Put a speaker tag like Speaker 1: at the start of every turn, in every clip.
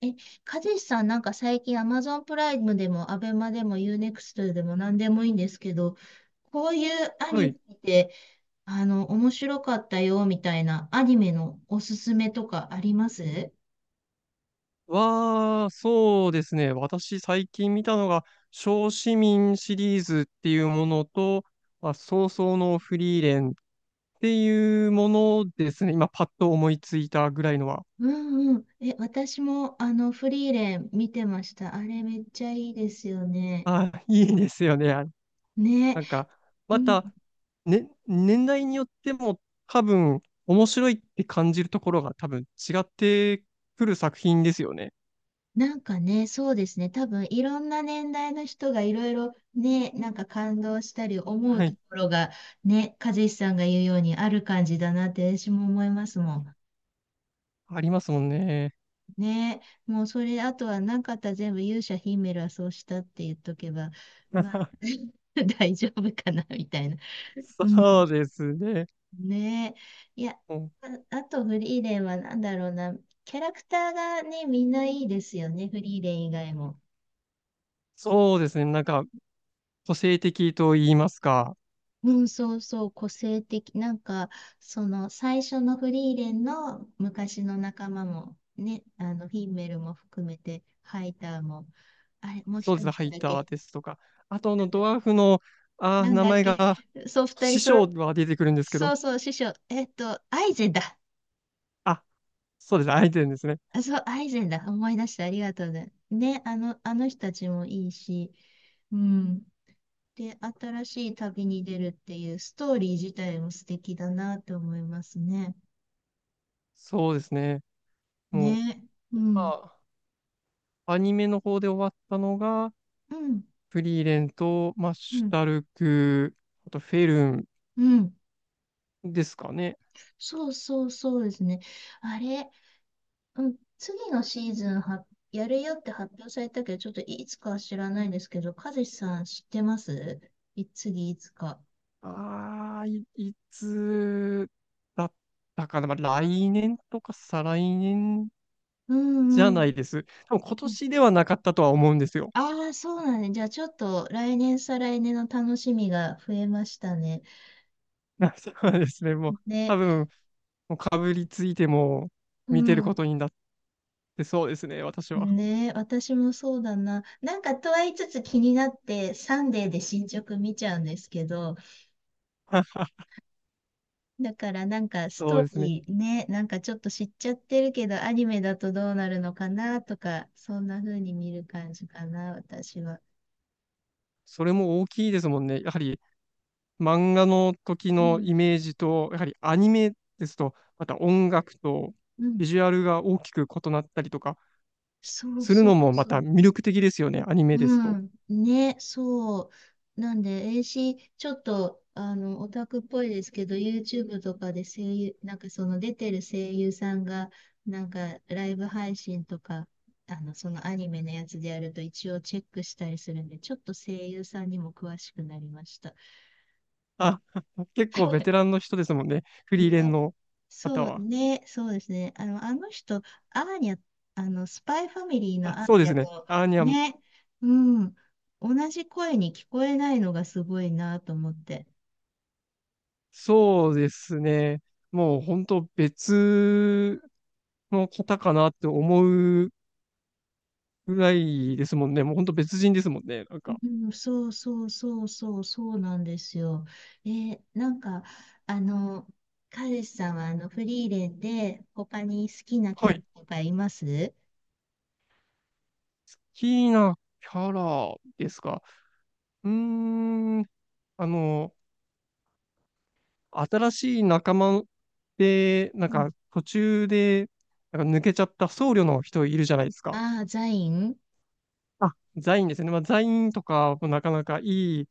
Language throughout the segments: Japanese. Speaker 1: え、かじしさんなんか最近 Amazon プライムでもアベマでもユーネクストでも何でもいいんですけど、こういうア
Speaker 2: は
Speaker 1: ニメ
Speaker 2: い。
Speaker 1: で、面白かったよみたいなアニメのおすすめとかあります
Speaker 2: そうですね。私、最近見たのが、小市民シリーズっていうものと、まあ、早々のフリーレンっていうものですね。今、パッと思いついたぐらいのは。
Speaker 1: うんうん。私もフリーレン見てました。あれめっちゃいいですよね。
Speaker 2: あ、いいですよね。あ、
Speaker 1: ね。
Speaker 2: なんか、
Speaker 1: う
Speaker 2: ま
Speaker 1: ん。
Speaker 2: た、ね、年代によっても、多分、面白いって感じるところが多分違ってくる作品ですよね。
Speaker 1: なんかね、そうですね。多分いろんな年代の人がいろいろね、なんか感動したり思う
Speaker 2: は
Speaker 1: と
Speaker 2: い。
Speaker 1: ころがね、和志さんが言うようにある感じだなって私も思いますもん。
Speaker 2: ありますもんね。
Speaker 1: ね、もうそれ、あとはなかったら全部勇者ヒメルはそうしたって言っとけば、まあ 大丈夫かなみたいな。うん、
Speaker 2: そうですね。
Speaker 1: ねえ、いや、あ、あとフリーレンは何だろうな、キャラクターがね、みんないいですよね、フリーレン以外も。
Speaker 2: そうですね。なんか、個性的と言いますか。
Speaker 1: うん、そうそう、個性的。なんか、その最初のフリーレンの昔の仲間も、ね、フィンメルも含めて、ハイターも、あれ、もう一
Speaker 2: そうです
Speaker 1: 人
Speaker 2: ね。ハ
Speaker 1: なん
Speaker 2: イ
Speaker 1: だっ
Speaker 2: ター
Speaker 1: け、
Speaker 2: ですとか。あと、あ
Speaker 1: な
Speaker 2: の、
Speaker 1: ん
Speaker 2: ド
Speaker 1: だっけ、
Speaker 2: ワーフの、あー、
Speaker 1: なん
Speaker 2: 名
Speaker 1: だっ
Speaker 2: 前
Speaker 1: け、
Speaker 2: が、
Speaker 1: そう、二人
Speaker 2: 師
Speaker 1: 揃
Speaker 2: 匠
Speaker 1: っ、
Speaker 2: は出てくるんですけ
Speaker 1: そ
Speaker 2: ど。
Speaker 1: うそう、師匠、アイゼンだ。
Speaker 2: あ、そうです。アイデンですね。
Speaker 1: あ、そう、アイゼンだ。思い出してありがとうね。ね、あの人たちもいいし、うん。で、新しい旅に出るっていうストーリー自体も素敵だなって思いますね。
Speaker 2: そうですね。もう、
Speaker 1: ね、うん。
Speaker 2: 今、アニメの方で終わったのが、
Speaker 1: うん、
Speaker 2: フリーレンと、マッ
Speaker 1: う
Speaker 2: シュ
Speaker 1: ん、
Speaker 2: タルク、あと、フェルン
Speaker 1: うん。
Speaker 2: ですかね。
Speaker 1: そうそうそうですね。あれ、うん、次のシーズンはやるよって発表されたけど、ちょっといつかは知らないんですけど、和志さん知ってますい、次いつか。
Speaker 2: あ、いつだったかな。まあ、来年とか再来年
Speaker 1: う
Speaker 2: じゃな
Speaker 1: ん
Speaker 2: いです。多分今
Speaker 1: うん。
Speaker 2: 年ではなかったとは思うんですよ。
Speaker 1: ああ、そうなんね。じゃあちょっと来年再来年の楽しみが増えましたね。
Speaker 2: そうですね。多
Speaker 1: ね、
Speaker 2: 分、もうかぶりついても
Speaker 1: う
Speaker 2: 見てるこ
Speaker 1: ん。
Speaker 2: とになってそうですね、私は。
Speaker 1: ね、私もそうだな。なんかとは言いつつ気になって、サンデーで進捗見ちゃうんですけど、だからなんかス
Speaker 2: そ
Speaker 1: ト
Speaker 2: う
Speaker 1: ー
Speaker 2: ですね。
Speaker 1: リーね、なんかちょっと知っちゃってるけど、アニメだとどうなるのかなとか、そんな風に見る感じかな、私は。
Speaker 2: それも大きいですもんね。やはり漫画の時
Speaker 1: う
Speaker 2: の
Speaker 1: ん、
Speaker 2: イメージと、やはりアニメですと、また音楽と
Speaker 1: う
Speaker 2: ビ
Speaker 1: ん、
Speaker 2: ジュアルが大きく異なったりとかし
Speaker 1: そう
Speaker 2: する
Speaker 1: そ
Speaker 2: の
Speaker 1: う
Speaker 2: もま
Speaker 1: そ
Speaker 2: た
Speaker 1: う。
Speaker 2: 魅力的ですよね、アニメです
Speaker 1: う
Speaker 2: と。
Speaker 1: ん。ね、そう。なんで、え、 c、 し、ちょっと、オタクっぽいですけど、YouTube とかで声優、なんかその出てる声優さんが、なんかライブ配信とか、そのアニメのやつでやると一応チェックしたりするんで、ちょっと声優さんにも詳しくなりました。
Speaker 2: あ、結構ベテ ランの人ですもんね。フリーレン
Speaker 1: ね。
Speaker 2: の
Speaker 1: そ
Speaker 2: 方
Speaker 1: う
Speaker 2: は。
Speaker 1: ね。そうですね。あの人、アーニャ、スパイファミリー
Speaker 2: あ、
Speaker 1: のアー
Speaker 2: そうで
Speaker 1: ニャ
Speaker 2: すね。
Speaker 1: と、
Speaker 2: アーニャ、
Speaker 1: ね。うん。同じ声に聞こえないのがすごいなと思って。
Speaker 2: そうですね。もう本当別の方かなって思うぐらいですもんね。もう本当別人ですもんね。なんか。
Speaker 1: うん、そうそうそうそうそうなんですよ。えー、なんか、あの、彼氏さんはあのフリーレンで他に好きなキ
Speaker 2: は
Speaker 1: ャ
Speaker 2: い。
Speaker 1: ラ
Speaker 2: 好
Speaker 1: とかいます
Speaker 2: きなキャラですか。うーん。あの、新しい仲間で、なん
Speaker 1: うん。
Speaker 2: か途中で、なんか抜けちゃった僧侶の人いるじゃないですか。
Speaker 1: ああー、ザイン。
Speaker 2: あ、ザインですね。まあ、ザインとかもなかなかいい、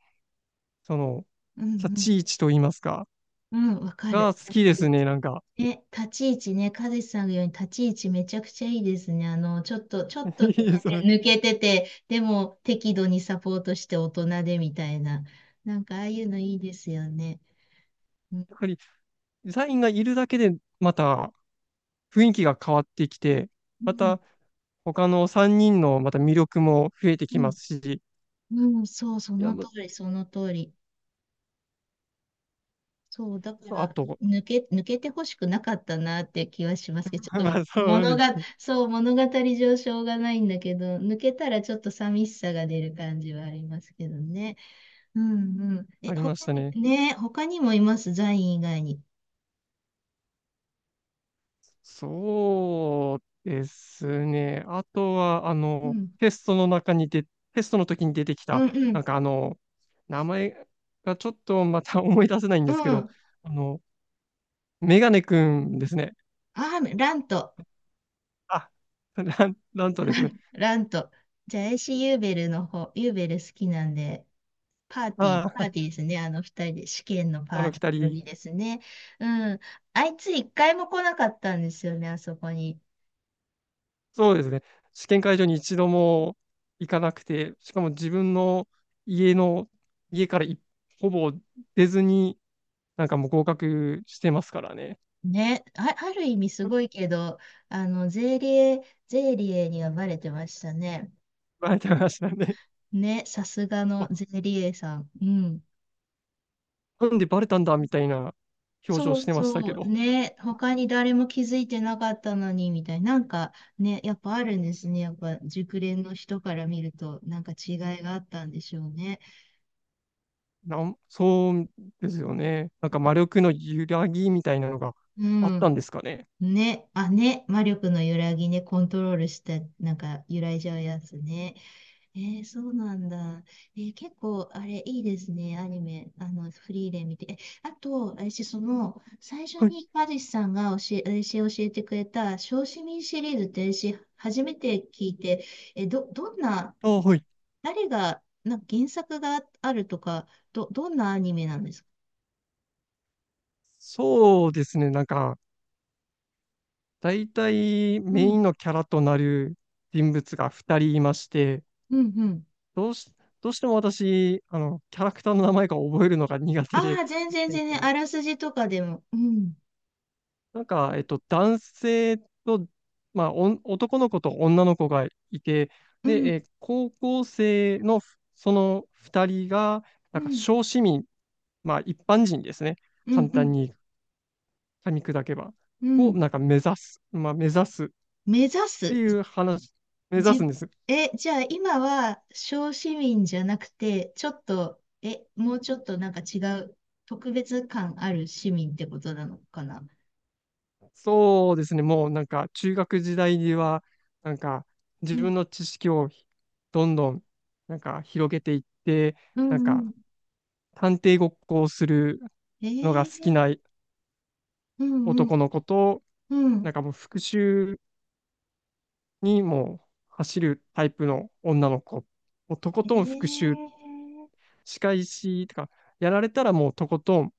Speaker 2: その、
Speaker 1: う
Speaker 2: 立
Speaker 1: ん
Speaker 2: ち位置といいますか、
Speaker 1: うん。うん、わか
Speaker 2: が
Speaker 1: る。
Speaker 2: 好きで
Speaker 1: 私、
Speaker 2: すね、なんか。
Speaker 1: え、立ち位置ね、カズさんが言うように立ち位置めちゃくちゃいいですね。ちょっと、ちょっ と
Speaker 2: い
Speaker 1: 抜
Speaker 2: いで
Speaker 1: け
Speaker 2: す
Speaker 1: て、
Speaker 2: ね。
Speaker 1: 抜けてて、でも適度にサポートして大人でみたいな。なんかああいうのいいですよね。うん、
Speaker 2: やっぱり、ザインがいるだけで、また雰囲気が変わってきて、
Speaker 1: う
Speaker 2: ま
Speaker 1: ん、
Speaker 2: た、他の3人のまた魅力も増えて
Speaker 1: う
Speaker 2: きま
Speaker 1: ん
Speaker 2: すし、
Speaker 1: うん、そう、そ
Speaker 2: いや、
Speaker 1: の通
Speaker 2: ま
Speaker 1: り、その通り。そう、だか
Speaker 2: あ
Speaker 1: ら、
Speaker 2: と、
Speaker 1: 抜けてほしくなかったなって気はしますけど、ち ょっ
Speaker 2: ま
Speaker 1: と
Speaker 2: あそう
Speaker 1: 物
Speaker 2: です
Speaker 1: が、
Speaker 2: ね。
Speaker 1: そう、物語上しょうがないんだけど、抜けたらちょっと寂しさが出る感じはありますけどね。うんうん。え、
Speaker 2: ありまし
Speaker 1: 他
Speaker 2: た
Speaker 1: に、
Speaker 2: ね。
Speaker 1: ね、他にもいます、ザイン以外に。
Speaker 2: そうですね。あとは、あ
Speaker 1: う
Speaker 2: の、
Speaker 1: ん。
Speaker 2: テストの時に出てき
Speaker 1: う
Speaker 2: た、
Speaker 1: んうん。
Speaker 2: なんかあの、名前がちょっとまた 思い出せないん
Speaker 1: う
Speaker 2: ですけど、
Speaker 1: ん。
Speaker 2: あの、メガネくんですね。
Speaker 1: あー、ラント。
Speaker 2: あ、なんなんとですね。
Speaker 1: ラント。じゃあ、エイシーユーベルの方、ユーベル好きなんで、パーティー、パ
Speaker 2: あ
Speaker 1: ーティーですね。あの二人で、試験のパ
Speaker 2: あ、あ
Speaker 1: ー
Speaker 2: の
Speaker 1: ティ
Speaker 2: 二
Speaker 1: ー組
Speaker 2: 人、
Speaker 1: ですね。うん。あいつ一回も来なかったんですよね、あそこに。
Speaker 2: そうですね。試験会場に一度も行かなくて、しかも自分の家の、家からほぼ出ずに、なんかもう合格してますからね。
Speaker 1: ね、あ、ある意味すご いけど、ゼーリエにはバレてましたね。
Speaker 2: バレてましたね。
Speaker 1: ね、さすがの ゼ
Speaker 2: あ、
Speaker 1: ーリエさん。うん。
Speaker 2: なんでバレたんだみたいな表情
Speaker 1: そう
Speaker 2: してましたけ
Speaker 1: そう、
Speaker 2: ど、
Speaker 1: ね、他に誰も気づいてなかったのに、みたいな、なんかね、やっぱあるんですね。やっぱ熟練の人から見ると、なんか違いがあったんでしょうね。
Speaker 2: そうですよね。なんか魔力の揺らぎみたいなのが
Speaker 1: う
Speaker 2: あった
Speaker 1: ん。
Speaker 2: んですかね。
Speaker 1: ね、あ、ね、魔力の揺らぎね、コントロールした、なんか揺らいじゃうやつね。えー、そうなんだ。えー、結構、あれ、いいですね、アニメ、フリーで見て。え、あと、私、その、最初
Speaker 2: はい。
Speaker 1: に、マジ志さんが私教えてくれた、小市民シリーズって、私、初めて聞いて、え、どんな、
Speaker 2: ああ、はい。
Speaker 1: 誰が、なんか原作があるとか、どんなアニメなんですか？
Speaker 2: そうですね。なんか、大体
Speaker 1: う
Speaker 2: メイ
Speaker 1: ん、
Speaker 2: ンのキャラとなる人物が2人いまして、
Speaker 1: うん、うん。
Speaker 2: どうし、どうしても私、あの、キャラクターの名前が覚えるのが苦手で、
Speaker 1: ああ、全然、
Speaker 2: えっ
Speaker 1: 全然、
Speaker 2: と、
Speaker 1: あらすじとかでも、うん、
Speaker 2: えっと、男性と、まあ、おん男の子と女の子がいて、
Speaker 1: う
Speaker 2: で、
Speaker 1: ん、
Speaker 2: えー高校生のその2人が、
Speaker 1: う
Speaker 2: なんか、
Speaker 1: ん、
Speaker 2: 小市民、まあ、一般人ですね。
Speaker 1: うん、
Speaker 2: 簡
Speaker 1: う
Speaker 2: 単
Speaker 1: ん、
Speaker 2: に噛み砕けば。
Speaker 1: う
Speaker 2: を、
Speaker 1: ん、
Speaker 2: なんか、目指す。まあ、目指すっ
Speaker 1: 目指
Speaker 2: て
Speaker 1: す。
Speaker 2: いう話、目指すん
Speaker 1: じ、
Speaker 2: です。
Speaker 1: え、じゃあ今は小市民じゃなくて、ちょっと、え、もうちょっとなんか違う、特別感ある市民ってことなのかな。
Speaker 2: そうですね。もう、なんか、中学時代には、なんか、自
Speaker 1: うん、
Speaker 2: 分の知識をどんどん、なんか、広げていって、
Speaker 1: う
Speaker 2: なん
Speaker 1: ん、うん。
Speaker 2: か、探偵ごっこをする
Speaker 1: え
Speaker 2: のが好き
Speaker 1: ー、
Speaker 2: な
Speaker 1: うん、うん、
Speaker 2: 男の子と、
Speaker 1: う
Speaker 2: なん
Speaker 1: ん。
Speaker 2: かもう復讐にもう走るタイプの女の子。もうとこ
Speaker 1: え
Speaker 2: とん復讐、
Speaker 1: ー
Speaker 2: 仕返しとか、やられたらもうとことん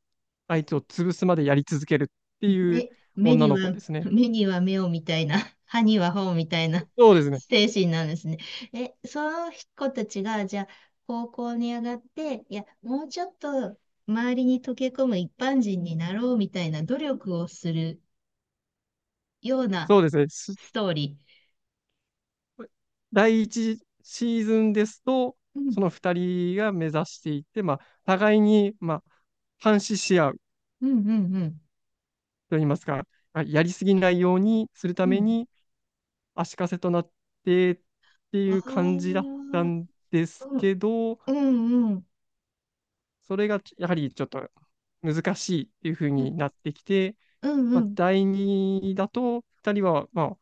Speaker 2: 相手を潰すまでやり続けるって いう
Speaker 1: 目、目
Speaker 2: 女
Speaker 1: に
Speaker 2: の子
Speaker 1: は、
Speaker 2: ですね。
Speaker 1: 目には目をみたいな、歯には歯をみたいな
Speaker 2: そうです ね。
Speaker 1: 精神なんですね。え、その子たちが、じゃあ、高校に上がって、いや、もうちょっと周りに溶け込む一般人になろうみたいな努力をするような
Speaker 2: そうですね。す
Speaker 1: ストーリ
Speaker 2: 第一シーズンですと、
Speaker 1: ー。うん、
Speaker 2: その二人が目指していて、まあ、互いに、まあ、監視し合う
Speaker 1: うん、うん、うん。
Speaker 2: といいますか、あやりすぎないようにするた
Speaker 1: う
Speaker 2: め
Speaker 1: ん。
Speaker 2: に、足かせとなってて
Speaker 1: あ
Speaker 2: いう感じだっ
Speaker 1: あ、
Speaker 2: たんです
Speaker 1: うん、
Speaker 2: けど、
Speaker 1: うん、うん、
Speaker 2: それがやはりちょっと難しいっていう風
Speaker 1: うん、
Speaker 2: になってきて、
Speaker 1: う
Speaker 2: まあ、
Speaker 1: ん、
Speaker 2: 第二だと、二人は、ま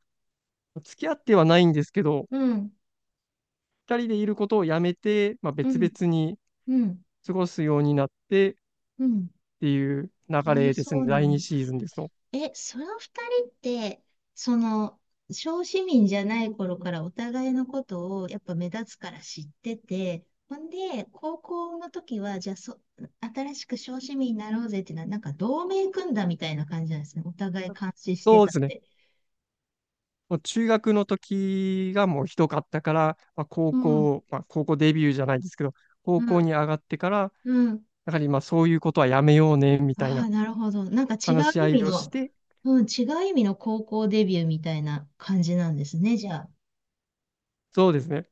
Speaker 2: あ、付き合ってはないんですけど、
Speaker 1: うん、
Speaker 2: 二人でいることをやめて、まあ、
Speaker 1: う
Speaker 2: 別
Speaker 1: ん、
Speaker 2: 々に
Speaker 1: うん、
Speaker 2: 過ごすようになってっ
Speaker 1: うん。
Speaker 2: ていう
Speaker 1: あ
Speaker 2: 流
Speaker 1: あ、
Speaker 2: れです
Speaker 1: そ
Speaker 2: ね、
Speaker 1: うな
Speaker 2: 第
Speaker 1: ん
Speaker 2: 二
Speaker 1: だ。
Speaker 2: シーズンですと。
Speaker 1: え、その二人って、その、小市民じゃない頃からお互いのことをやっぱ目立つから知ってて、ほんで、高校の時は、じゃあそ、新しく小市民になろうぜっていうのは、なんか同盟組んだみたいな感じなんですね。お互い監視して
Speaker 2: そうで
Speaker 1: たっ
Speaker 2: すね。
Speaker 1: て。
Speaker 2: もう中学の時がもうひどかったから、まあ、
Speaker 1: うん、
Speaker 2: 高校デビューじゃないですけど、高
Speaker 1: う
Speaker 2: 校
Speaker 1: ん、
Speaker 2: に上がってから、
Speaker 1: うん。
Speaker 2: だから今そういうことはやめようね、みたい
Speaker 1: ああ、
Speaker 2: な
Speaker 1: なるほど。なんか違
Speaker 2: 話
Speaker 1: う
Speaker 2: し合
Speaker 1: 意味
Speaker 2: いをし
Speaker 1: の、
Speaker 2: て、
Speaker 1: うん、違う意味の高校デビューみたいな感じなんですね、じゃあ。
Speaker 2: そうですね。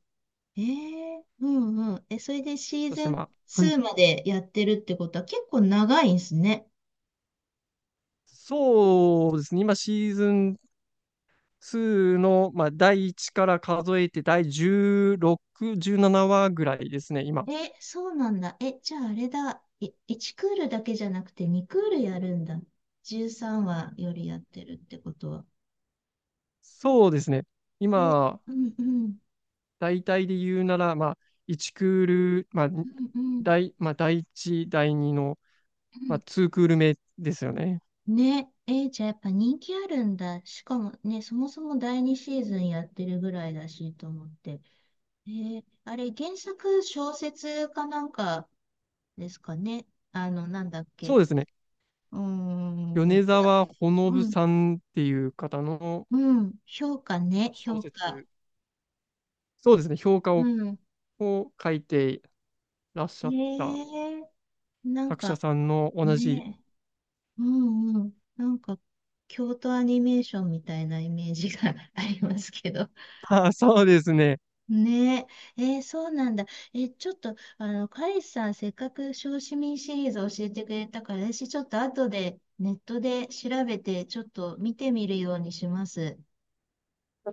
Speaker 1: え、え、うんうん。え、それでシー
Speaker 2: そして
Speaker 1: ズン
Speaker 2: まあ、はい。
Speaker 1: 2までやってるってことは結構長いんすね。
Speaker 2: そうですね。今シーズン2の、まあ、第1から数えて第16、17話ぐらいですね、今。
Speaker 1: え、そうなんだ。え、じゃああれだ。い、1クールだけじゃなくて2クールやるんだ。13話よりやってるってことは。
Speaker 2: そうですね。
Speaker 1: え、
Speaker 2: 今、
Speaker 1: うんうん。
Speaker 2: 大体で言うなら、まあ、1クール、
Speaker 1: うんうん。
Speaker 2: まあ、第1、第2の、
Speaker 1: う
Speaker 2: まあ、
Speaker 1: ん、
Speaker 2: 2クール目ですよね。
Speaker 1: ね。え、じゃあやっぱ人気あるんだ。しかもね、そもそも第2シーズンやってるぐらいだしと思って。えー、あれ、原作小説かなんかですかね。なんだっ
Speaker 2: そ
Speaker 1: け。
Speaker 2: うですね。
Speaker 1: うー
Speaker 2: 米
Speaker 1: ん、ら、
Speaker 2: 沢ほの
Speaker 1: う
Speaker 2: ぶ
Speaker 1: ん、
Speaker 2: さんっていう方の
Speaker 1: うん、評価ね、
Speaker 2: 小
Speaker 1: 評価。
Speaker 2: 説そうですね、評価
Speaker 1: う
Speaker 2: を
Speaker 1: ん。
Speaker 2: こう書いてらっしゃった
Speaker 1: ねえ、なん
Speaker 2: 作者
Speaker 1: か
Speaker 2: さんの同じ
Speaker 1: ね、うんうん、なんか、京都アニメーションみたいなイメージが ありますけど。
Speaker 2: あ あ、そうですね。
Speaker 1: ねえ、えー、そうなんだ。え、ちょっと、カイさん、せっかく小市民シリーズ教えてくれたから、私ちょっと後でネットで調べて、ちょっと見てみるようにします。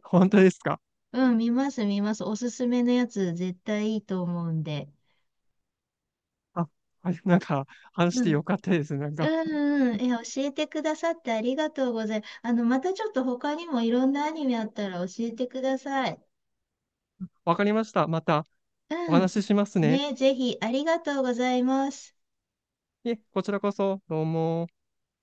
Speaker 2: ほんとですか。
Speaker 1: うん、見ます、見ます。おすすめのやつ、絶対いいと思うんで。
Speaker 2: あ、はい、なんか話し
Speaker 1: う
Speaker 2: て
Speaker 1: ん。
Speaker 2: よかったです。なんか、
Speaker 1: うんうん。え、教えてくださってありがとうございます。またちょっと他にもいろんなアニメあったら教えてください。
Speaker 2: わかりました。またお
Speaker 1: うん。
Speaker 2: 話ししますね。
Speaker 1: ね、ぜひ、ありがとうございます。
Speaker 2: いえ、こちらこそ、どうも。